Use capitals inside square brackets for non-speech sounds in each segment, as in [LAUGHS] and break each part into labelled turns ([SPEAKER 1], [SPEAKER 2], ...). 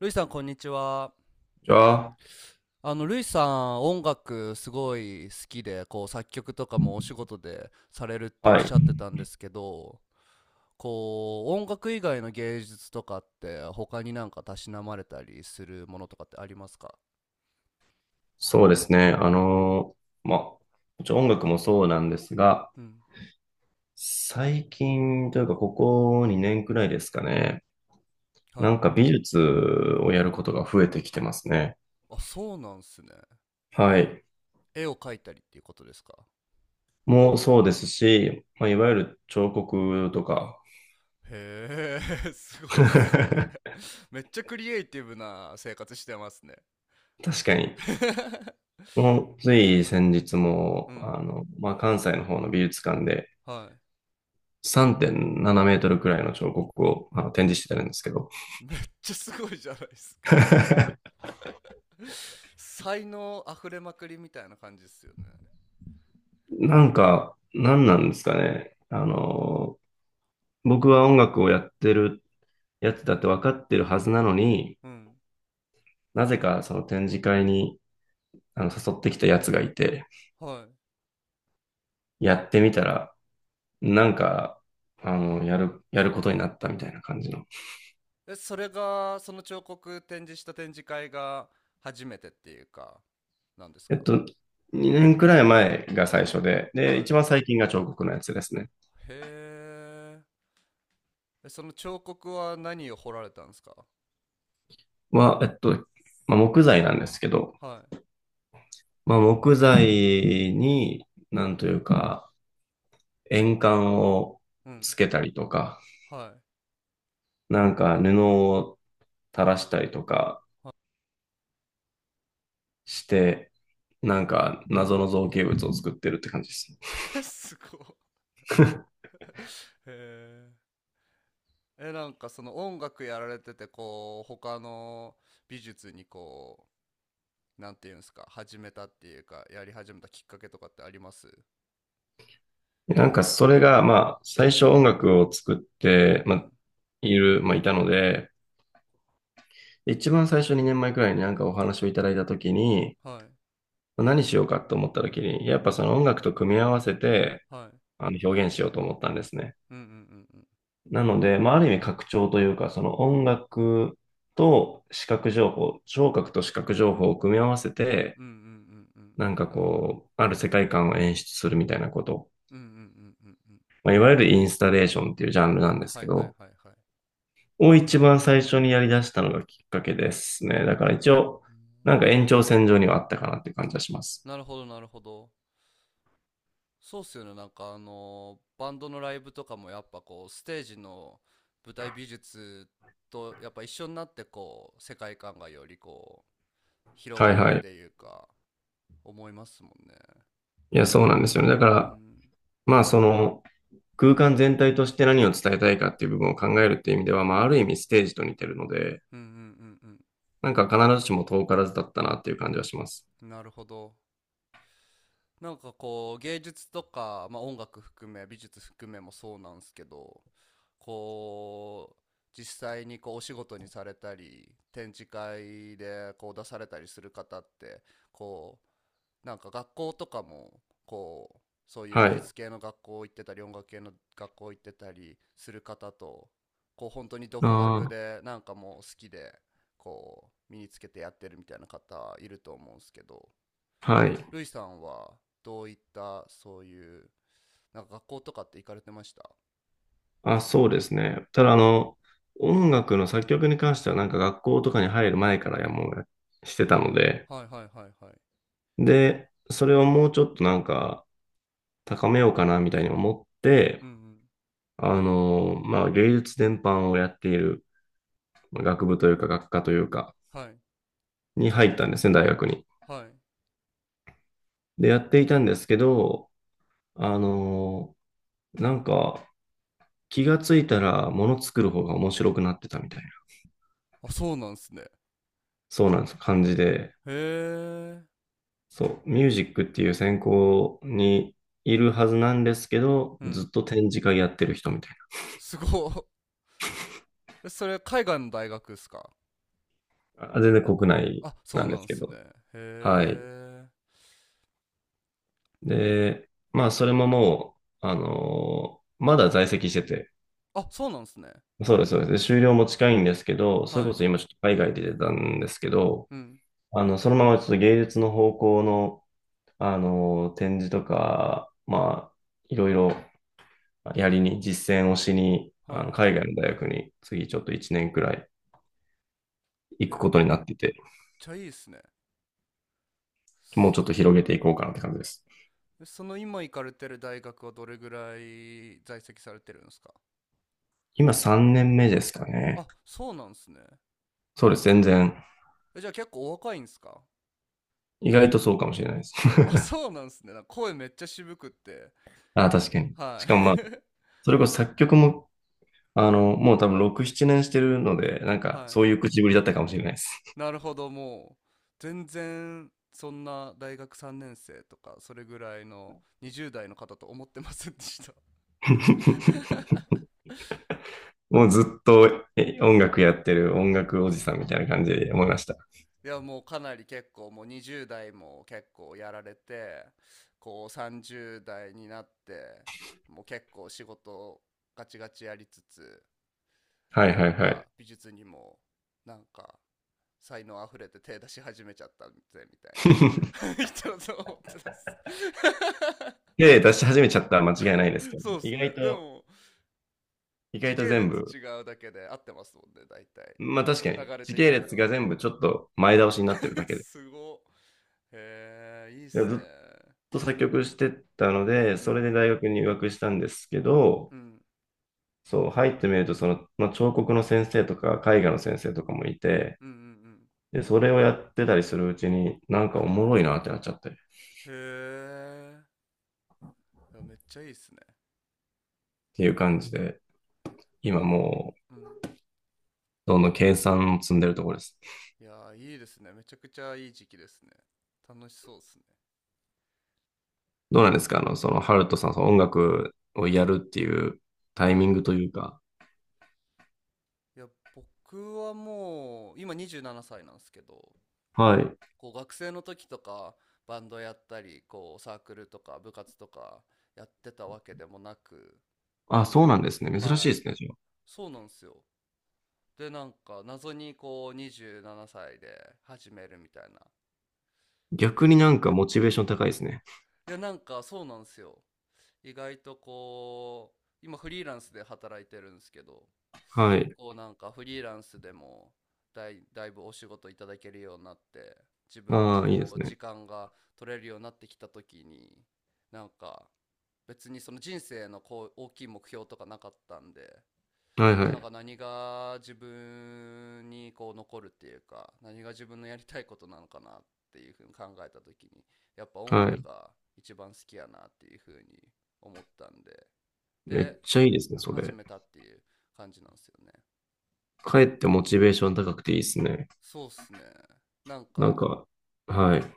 [SPEAKER 1] ルイさん、こんにちは。
[SPEAKER 2] じゃあ、
[SPEAKER 1] ルイさん、音楽すごい好きで、作曲とかもお仕事でされるっておっ
[SPEAKER 2] は
[SPEAKER 1] しゃっ
[SPEAKER 2] い。
[SPEAKER 1] てたんですけど、音楽以外の芸術とかって、他になんかたしなまれたりするものとかってありますか？
[SPEAKER 2] そうですね。まあ、もちろん音楽もそうなんですが、
[SPEAKER 1] うん。
[SPEAKER 2] 最近というか、ここ2年くらいですかね。な
[SPEAKER 1] はい。
[SPEAKER 2] んか美術をやることが増えてきてますね。
[SPEAKER 1] あ、そうなんすね。
[SPEAKER 2] はい。
[SPEAKER 1] 絵を描いたりっていうことですか？
[SPEAKER 2] もうそうですし、まあ、いわゆる彫刻とか。
[SPEAKER 1] へえ、[LAUGHS] すごいっすね。
[SPEAKER 2] [LAUGHS]
[SPEAKER 1] めっちゃクリエイティブな生活してますね。
[SPEAKER 2] 確かに。
[SPEAKER 1] [LAUGHS]
[SPEAKER 2] もう、つい先日
[SPEAKER 1] う
[SPEAKER 2] も、
[SPEAKER 1] ん。
[SPEAKER 2] まあ、関西の方の美術館で
[SPEAKER 1] はい。
[SPEAKER 2] 3.7メートルくらいの彫刻を展示してたんですけど。
[SPEAKER 1] めっちゃすごいじゃないですか。
[SPEAKER 2] [LAUGHS]
[SPEAKER 1] [LAUGHS] 才能あふれまくりみたいな感じですよね。
[SPEAKER 2] なんか、なんなんですかね。僕は音楽をやってるやつだって分かってるはずなのに、
[SPEAKER 1] うん。
[SPEAKER 2] なぜかその展示会に誘ってきたやつがいて、
[SPEAKER 1] は
[SPEAKER 2] やってみたら、なんか、やることになったみたいな感じの。
[SPEAKER 1] い。え、それが、その彫刻展示した展示会が初めてっていうか、なんです
[SPEAKER 2] えっ
[SPEAKER 1] か？
[SPEAKER 2] と、2年くらい前が最初で、で、
[SPEAKER 1] は
[SPEAKER 2] 一
[SPEAKER 1] い。
[SPEAKER 2] 番最近が彫刻のやつですね。
[SPEAKER 1] へーえ。その彫刻は何を彫られたんですか？
[SPEAKER 2] は、えっと、まあ、木材なんですけど、
[SPEAKER 1] は
[SPEAKER 2] まあ、木材に、なんというか、円管を
[SPEAKER 1] い。うん。
[SPEAKER 2] つけたりとか、
[SPEAKER 1] はい。
[SPEAKER 2] なんか布を垂らしたりとか
[SPEAKER 1] は
[SPEAKER 2] して、なんか謎の造形物を作ってるって感じです
[SPEAKER 1] い、[LAUGHS] すごい。へーえ、なんかその音楽やられてて、他の美術になんていうんですか、始めたっていうか、やり始めたきっかけとかってあります？
[SPEAKER 2] ね。なんかそれが、まあ、最初音楽を作って、
[SPEAKER 1] う
[SPEAKER 2] まあ、
[SPEAKER 1] ん。
[SPEAKER 2] いたので、一番最初2年前くらいになんかお話をいただいたときに、
[SPEAKER 1] はい。
[SPEAKER 2] まあ何しようかと思ったときに、やっぱその音楽と組み合わせて、
[SPEAKER 1] はい。
[SPEAKER 2] 表現しようと思ったんですね。
[SPEAKER 1] うんうんうんうん。
[SPEAKER 2] なので、まあ、ある意味拡張というか、その音楽と視覚情報、聴覚と視覚情報を組み合わせて、
[SPEAKER 1] うんうんうんうんう
[SPEAKER 2] なん
[SPEAKER 1] ん。
[SPEAKER 2] かこう、ある世界観を演出するみたいなこと、
[SPEAKER 1] うんうんうんうんうん。
[SPEAKER 2] まあ、いわゆるインスタレーションっていうジャンルなんです
[SPEAKER 1] は
[SPEAKER 2] け
[SPEAKER 1] いはい
[SPEAKER 2] ど、
[SPEAKER 1] はいはい。
[SPEAKER 2] を一番最初にやり出したのがきっかけですね。だから一応、
[SPEAKER 1] うー
[SPEAKER 2] なんか延長線上にはあっ
[SPEAKER 1] ん、
[SPEAKER 2] たかなっていう感じはします。
[SPEAKER 1] なるほどなるほど。そうっすよね。なんかあのバンドのライブとかもやっぱステージの舞台美術とやっぱ一緒になって世界観がより広
[SPEAKER 2] は
[SPEAKER 1] が
[SPEAKER 2] い
[SPEAKER 1] るっ
[SPEAKER 2] はい。
[SPEAKER 1] ていうか、思いますもんね。
[SPEAKER 2] いや、そうなんですよね。だか
[SPEAKER 1] う
[SPEAKER 2] ら、
[SPEAKER 1] ん。
[SPEAKER 2] まあその、空間全体として何を伝えたいかっていう部分を考えるっていう意味では、まあある意味ステージと似てるので、
[SPEAKER 1] うんうんうん
[SPEAKER 2] なんか必ずしも遠からずだったなっていう感じはします。
[SPEAKER 1] うん。なるほど。なんか芸術とか、まあ、音楽含め美術含めもそうなんですけど、こう実際にお仕事にされたり展示会で出されたりする方ってこなんか学校とかもこうそういう
[SPEAKER 2] は
[SPEAKER 1] 美
[SPEAKER 2] い。
[SPEAKER 1] 術系の学校行ってたり音楽系の学校行ってたりする方と本当に独
[SPEAKER 2] あ
[SPEAKER 1] 学でなんかもう好きで身につけてやってるみたいな方いると思うんですけど、
[SPEAKER 2] あ、はい。
[SPEAKER 1] ルイさんはどういったそういうなんか学校とかって行かれてました？
[SPEAKER 2] あ、そうですね。ただ、音楽の作曲に関しては、なんか学校とかに入る前からやもうやしてたので、
[SPEAKER 1] はいはいはいはい。
[SPEAKER 2] で、それをもうちょっとなんか高めようかなみたいに思って、
[SPEAKER 1] うんう
[SPEAKER 2] まあ、芸術全般をやっているまあ学部というか学科というか、
[SPEAKER 1] ん。はい
[SPEAKER 2] に入ったんですね、大学に。
[SPEAKER 1] はい。
[SPEAKER 2] で、やっていたんですけど、あの、なんか、気がついたら物作る方が面白くなってたみたいな、
[SPEAKER 1] あ、そうなんですね。
[SPEAKER 2] そうなんです、感じで、
[SPEAKER 1] へえ。
[SPEAKER 2] そう、ミュージックっていう専攻にいるはずなんですけど、
[SPEAKER 1] う
[SPEAKER 2] ず
[SPEAKER 1] ん。
[SPEAKER 2] っと展示会やってる人みたい
[SPEAKER 1] すごっ。え、それ海外の大学っすか？
[SPEAKER 2] な。あ、全然国内
[SPEAKER 1] あ、そ
[SPEAKER 2] な
[SPEAKER 1] う
[SPEAKER 2] んで
[SPEAKER 1] なん
[SPEAKER 2] す
[SPEAKER 1] で
[SPEAKER 2] け
[SPEAKER 1] すね。
[SPEAKER 2] ど。
[SPEAKER 1] へ
[SPEAKER 2] はい。
[SPEAKER 1] え。
[SPEAKER 2] で、まあ、それももう、あのーまだ在籍してて、
[SPEAKER 1] あ、そうなんですね。
[SPEAKER 2] そうです、そうです。で、終了も近いんですけど、それ
[SPEAKER 1] は
[SPEAKER 2] こ
[SPEAKER 1] い。
[SPEAKER 2] そ今ちょっと海外で出たんですけど、
[SPEAKER 1] うん。
[SPEAKER 2] そのままちょっと芸術の方向の、展示とか、まあ、いろいろやりに、実践をしに、
[SPEAKER 1] はい。
[SPEAKER 2] 海外の大学に次ちょっと1年くらい行くこ
[SPEAKER 1] め
[SPEAKER 2] と
[SPEAKER 1] っ
[SPEAKER 2] になってて、
[SPEAKER 1] ちゃいいっすね。
[SPEAKER 2] もうちょっと広げていこうかなって感じです。
[SPEAKER 1] え、その今行かれてる大学はどれぐらい在籍されてるんですか？
[SPEAKER 2] 今3年目ですかね。
[SPEAKER 1] あ、そうなんですね。
[SPEAKER 2] そうです、全然。
[SPEAKER 1] え、じゃあ結構お若いんですか？
[SPEAKER 2] 意外とそうかもしれないです。
[SPEAKER 1] [LAUGHS] あ、
[SPEAKER 2] [LAUGHS]
[SPEAKER 1] そうなんですね。なんか声めっちゃ渋くって。
[SPEAKER 2] あ、確かに。
[SPEAKER 1] は
[SPEAKER 2] しかもまあ、
[SPEAKER 1] い。
[SPEAKER 2] それこそ作曲も、もう多分6、7年してるので、なん
[SPEAKER 1] [LAUGHS]
[SPEAKER 2] か
[SPEAKER 1] は
[SPEAKER 2] そ
[SPEAKER 1] い。
[SPEAKER 2] ういう口ぶりだったかもしれないです。
[SPEAKER 1] なるほど、もう、全然、そんな大学3年生とか、それぐらいの20代の方と思ってませんでした。
[SPEAKER 2] [LAUGHS] もうずっと音楽やってる音楽おじさんみたいな感じで思いました。
[SPEAKER 1] [LAUGHS] いや、もうかなり結構、もう20代も結構やられて、30代になって、もう結構仕事をガチガチやりつつ、
[SPEAKER 2] はい
[SPEAKER 1] なん
[SPEAKER 2] はいは
[SPEAKER 1] か
[SPEAKER 2] い。
[SPEAKER 1] 美術にも、なんか才能あふれて手出し始めちゃったぜみたいな [LAUGHS] 人だと思ってたっす。 [LAUGHS]
[SPEAKER 2] 系列出し始めちゃったら間違いないですけど、
[SPEAKER 1] そうっ
[SPEAKER 2] 意
[SPEAKER 1] すね、
[SPEAKER 2] 外
[SPEAKER 1] で
[SPEAKER 2] と、
[SPEAKER 1] も
[SPEAKER 2] 意
[SPEAKER 1] 時
[SPEAKER 2] 外と
[SPEAKER 1] 系
[SPEAKER 2] 全
[SPEAKER 1] 列
[SPEAKER 2] 部、
[SPEAKER 1] 違うだけで合ってますもんね、大体
[SPEAKER 2] まあ確かに、
[SPEAKER 1] 流れ
[SPEAKER 2] 時系
[SPEAKER 1] 的に
[SPEAKER 2] 列
[SPEAKER 1] は。
[SPEAKER 2] が全部ちょっと前倒しになってるだ
[SPEAKER 1] [LAUGHS]
[SPEAKER 2] けで。
[SPEAKER 1] すごへえ、いいっ
[SPEAKER 2] で、
[SPEAKER 1] す
[SPEAKER 2] ずっ
[SPEAKER 1] ね。
[SPEAKER 2] と作曲してたので、
[SPEAKER 1] う
[SPEAKER 2] それで
[SPEAKER 1] ん
[SPEAKER 2] 大学に入学したんですけど、
[SPEAKER 1] うん
[SPEAKER 2] そう、入ってみると、その、まあ、彫刻の先生とか、絵画の先生とかもいて、
[SPEAKER 1] うんうん
[SPEAKER 2] で、それをやってたりするうちに、なんかおもろいなってなっちゃって、っ
[SPEAKER 1] うん、へえ、いや、めっちゃいいっすね。
[SPEAKER 2] ていう感じで、今
[SPEAKER 1] こん
[SPEAKER 2] も
[SPEAKER 1] う
[SPEAKER 2] う、
[SPEAKER 1] ん、
[SPEAKER 2] どんどん計算を積んでるところです。
[SPEAKER 1] いや、いいですね、めちゃくちゃいい時期ですね。楽しそうっすね。
[SPEAKER 2] どうなんですか、あの、その、ハルトさん、その音楽をやるっていう
[SPEAKER 1] は
[SPEAKER 2] タイ
[SPEAKER 1] い。
[SPEAKER 2] ミングというか、
[SPEAKER 1] いや、僕はもう、今27歳ななさいなんですけど、
[SPEAKER 2] はい。
[SPEAKER 1] 学生の時とか、バンドやったり、サークルとか部活とかやってたわけでもなく、
[SPEAKER 2] あ、そうなんですね。珍しい
[SPEAKER 1] は
[SPEAKER 2] で
[SPEAKER 1] い。
[SPEAKER 2] すね、じゃあ。
[SPEAKER 1] そうなんですよ。で、なんか、謎に27歳で始めるみたいな。
[SPEAKER 2] 逆になんかモチベーション高いですね。
[SPEAKER 1] いや、なんかそうなんですよ。意外と今フリーランスで働いてるんですけど、
[SPEAKER 2] はい。
[SPEAKER 1] なんかフリーランスでもだいぶお仕事いただけるようになって、自分の
[SPEAKER 2] ああ、いいです
[SPEAKER 1] 時
[SPEAKER 2] ね。
[SPEAKER 1] 間が取れるようになってきた時になんか、別にその人生の大きい目標とかなかったんで、
[SPEAKER 2] はいは
[SPEAKER 1] なん
[SPEAKER 2] い。
[SPEAKER 1] か何が自分に残るっていうか、何が自分のやりたいことなのかなっていうふうに考えた時に、やっぱ音
[SPEAKER 2] は
[SPEAKER 1] 楽
[SPEAKER 2] い。
[SPEAKER 1] が一番好きやなっていうふうに思ったんで、
[SPEAKER 2] めっ
[SPEAKER 1] で、
[SPEAKER 2] ちゃいいですね、そ
[SPEAKER 1] 始
[SPEAKER 2] れ。
[SPEAKER 1] めたっていう感じなんですよね。
[SPEAKER 2] かえってモチベーション高くていいですね。
[SPEAKER 1] そうっすね。なん
[SPEAKER 2] なん
[SPEAKER 1] か、
[SPEAKER 2] か、
[SPEAKER 1] う
[SPEAKER 2] は
[SPEAKER 1] ん。
[SPEAKER 2] い。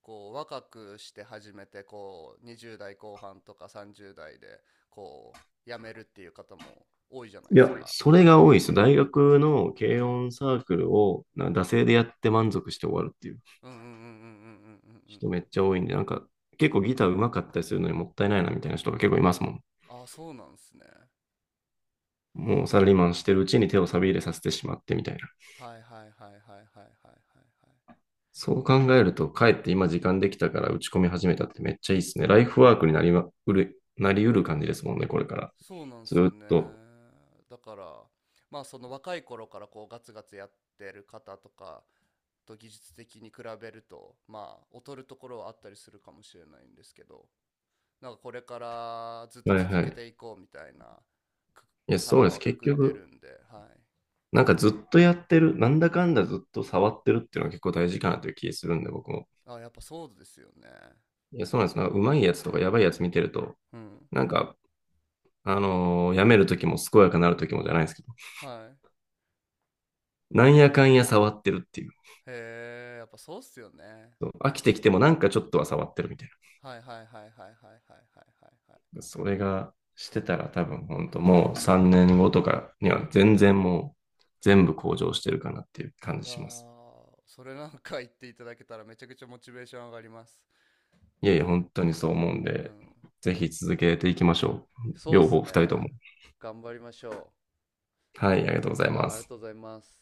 [SPEAKER 1] 若くして始めて、20代後半とか30代で、こ辞めるっていう方も多いじゃない
[SPEAKER 2] い
[SPEAKER 1] で
[SPEAKER 2] や、
[SPEAKER 1] すか。
[SPEAKER 2] それが多いです。大学の
[SPEAKER 1] う
[SPEAKER 2] 軽
[SPEAKER 1] ん。
[SPEAKER 2] 音サークルを、な惰性でやって満足して終わるっていう
[SPEAKER 1] うんうんうんうんうんうんうんうん
[SPEAKER 2] 人
[SPEAKER 1] う
[SPEAKER 2] め
[SPEAKER 1] ん。
[SPEAKER 2] っちゃ多いんで、なんか、結構ギター上手かったりするのにもったいないなみたいな人が結構いますもん。
[SPEAKER 1] ああ、そうなんですね。
[SPEAKER 2] もうサラリーマンしてるうちに手を錆び入れさせてしまってみたいな。
[SPEAKER 1] はいはいはいはいはいはいはいはい。
[SPEAKER 2] そう考えると、かえって今時間できたから打ち込み始めたってめっちゃいいですね。ライフワークになりうる感じですもんね、これから。
[SPEAKER 1] そうなんで
[SPEAKER 2] ず
[SPEAKER 1] すよ
[SPEAKER 2] っと。
[SPEAKER 1] ね。だから、まあその若い頃からガツガツやってる方とかと技術的に比べると、まあ劣るところはあったりするかもしれないんですけど、なんかこれからずっと
[SPEAKER 2] はい
[SPEAKER 1] 続
[SPEAKER 2] は
[SPEAKER 1] け
[SPEAKER 2] い。
[SPEAKER 1] ていこうみたいな、く
[SPEAKER 2] いや、そう
[SPEAKER 1] 腹
[SPEAKER 2] です。
[SPEAKER 1] はく
[SPEAKER 2] 結
[SPEAKER 1] くって
[SPEAKER 2] 局、
[SPEAKER 1] るんで、はい。
[SPEAKER 2] なんかずっとやってる、なんだかんだずっと触ってるっていうのは結構大事かなという気するんで、僕も。
[SPEAKER 1] あ、やっぱそうですよね。
[SPEAKER 2] いや、そうなんです。なんかうまいやつとかやばいやつ見てると、
[SPEAKER 1] うん。
[SPEAKER 2] なんか、やめるときも健やかなるときもじゃないですけど、
[SPEAKER 1] はい。
[SPEAKER 2] なんやかんや触ってるっていう。
[SPEAKER 1] へえ、やっぱそうっすよね。
[SPEAKER 2] そう飽きてきてもなんかちょっとは触ってるみたいな。
[SPEAKER 1] はいはいはいはいはいはいはいはいはい。
[SPEAKER 2] それがし
[SPEAKER 1] う
[SPEAKER 2] て
[SPEAKER 1] ん。
[SPEAKER 2] たら多分本当もう3年後とかには全然もう全部向上してるかなっていう感
[SPEAKER 1] い
[SPEAKER 2] じ
[SPEAKER 1] やー、
[SPEAKER 2] します。
[SPEAKER 1] それなんか言っていただけたらめちゃくちゃモチベーション上がります。
[SPEAKER 2] いやいや、本当にそう思うん
[SPEAKER 1] う
[SPEAKER 2] で、
[SPEAKER 1] ん。
[SPEAKER 2] ぜひ続けていきましょう。
[SPEAKER 1] そうっ
[SPEAKER 2] 両
[SPEAKER 1] す
[SPEAKER 2] 方、
[SPEAKER 1] ね。
[SPEAKER 2] 2人とも。
[SPEAKER 1] 頑張りましょ
[SPEAKER 2] はい、ありがとうござ
[SPEAKER 1] う。
[SPEAKER 2] い
[SPEAKER 1] い
[SPEAKER 2] ま
[SPEAKER 1] やありが
[SPEAKER 2] す。
[SPEAKER 1] とうございます。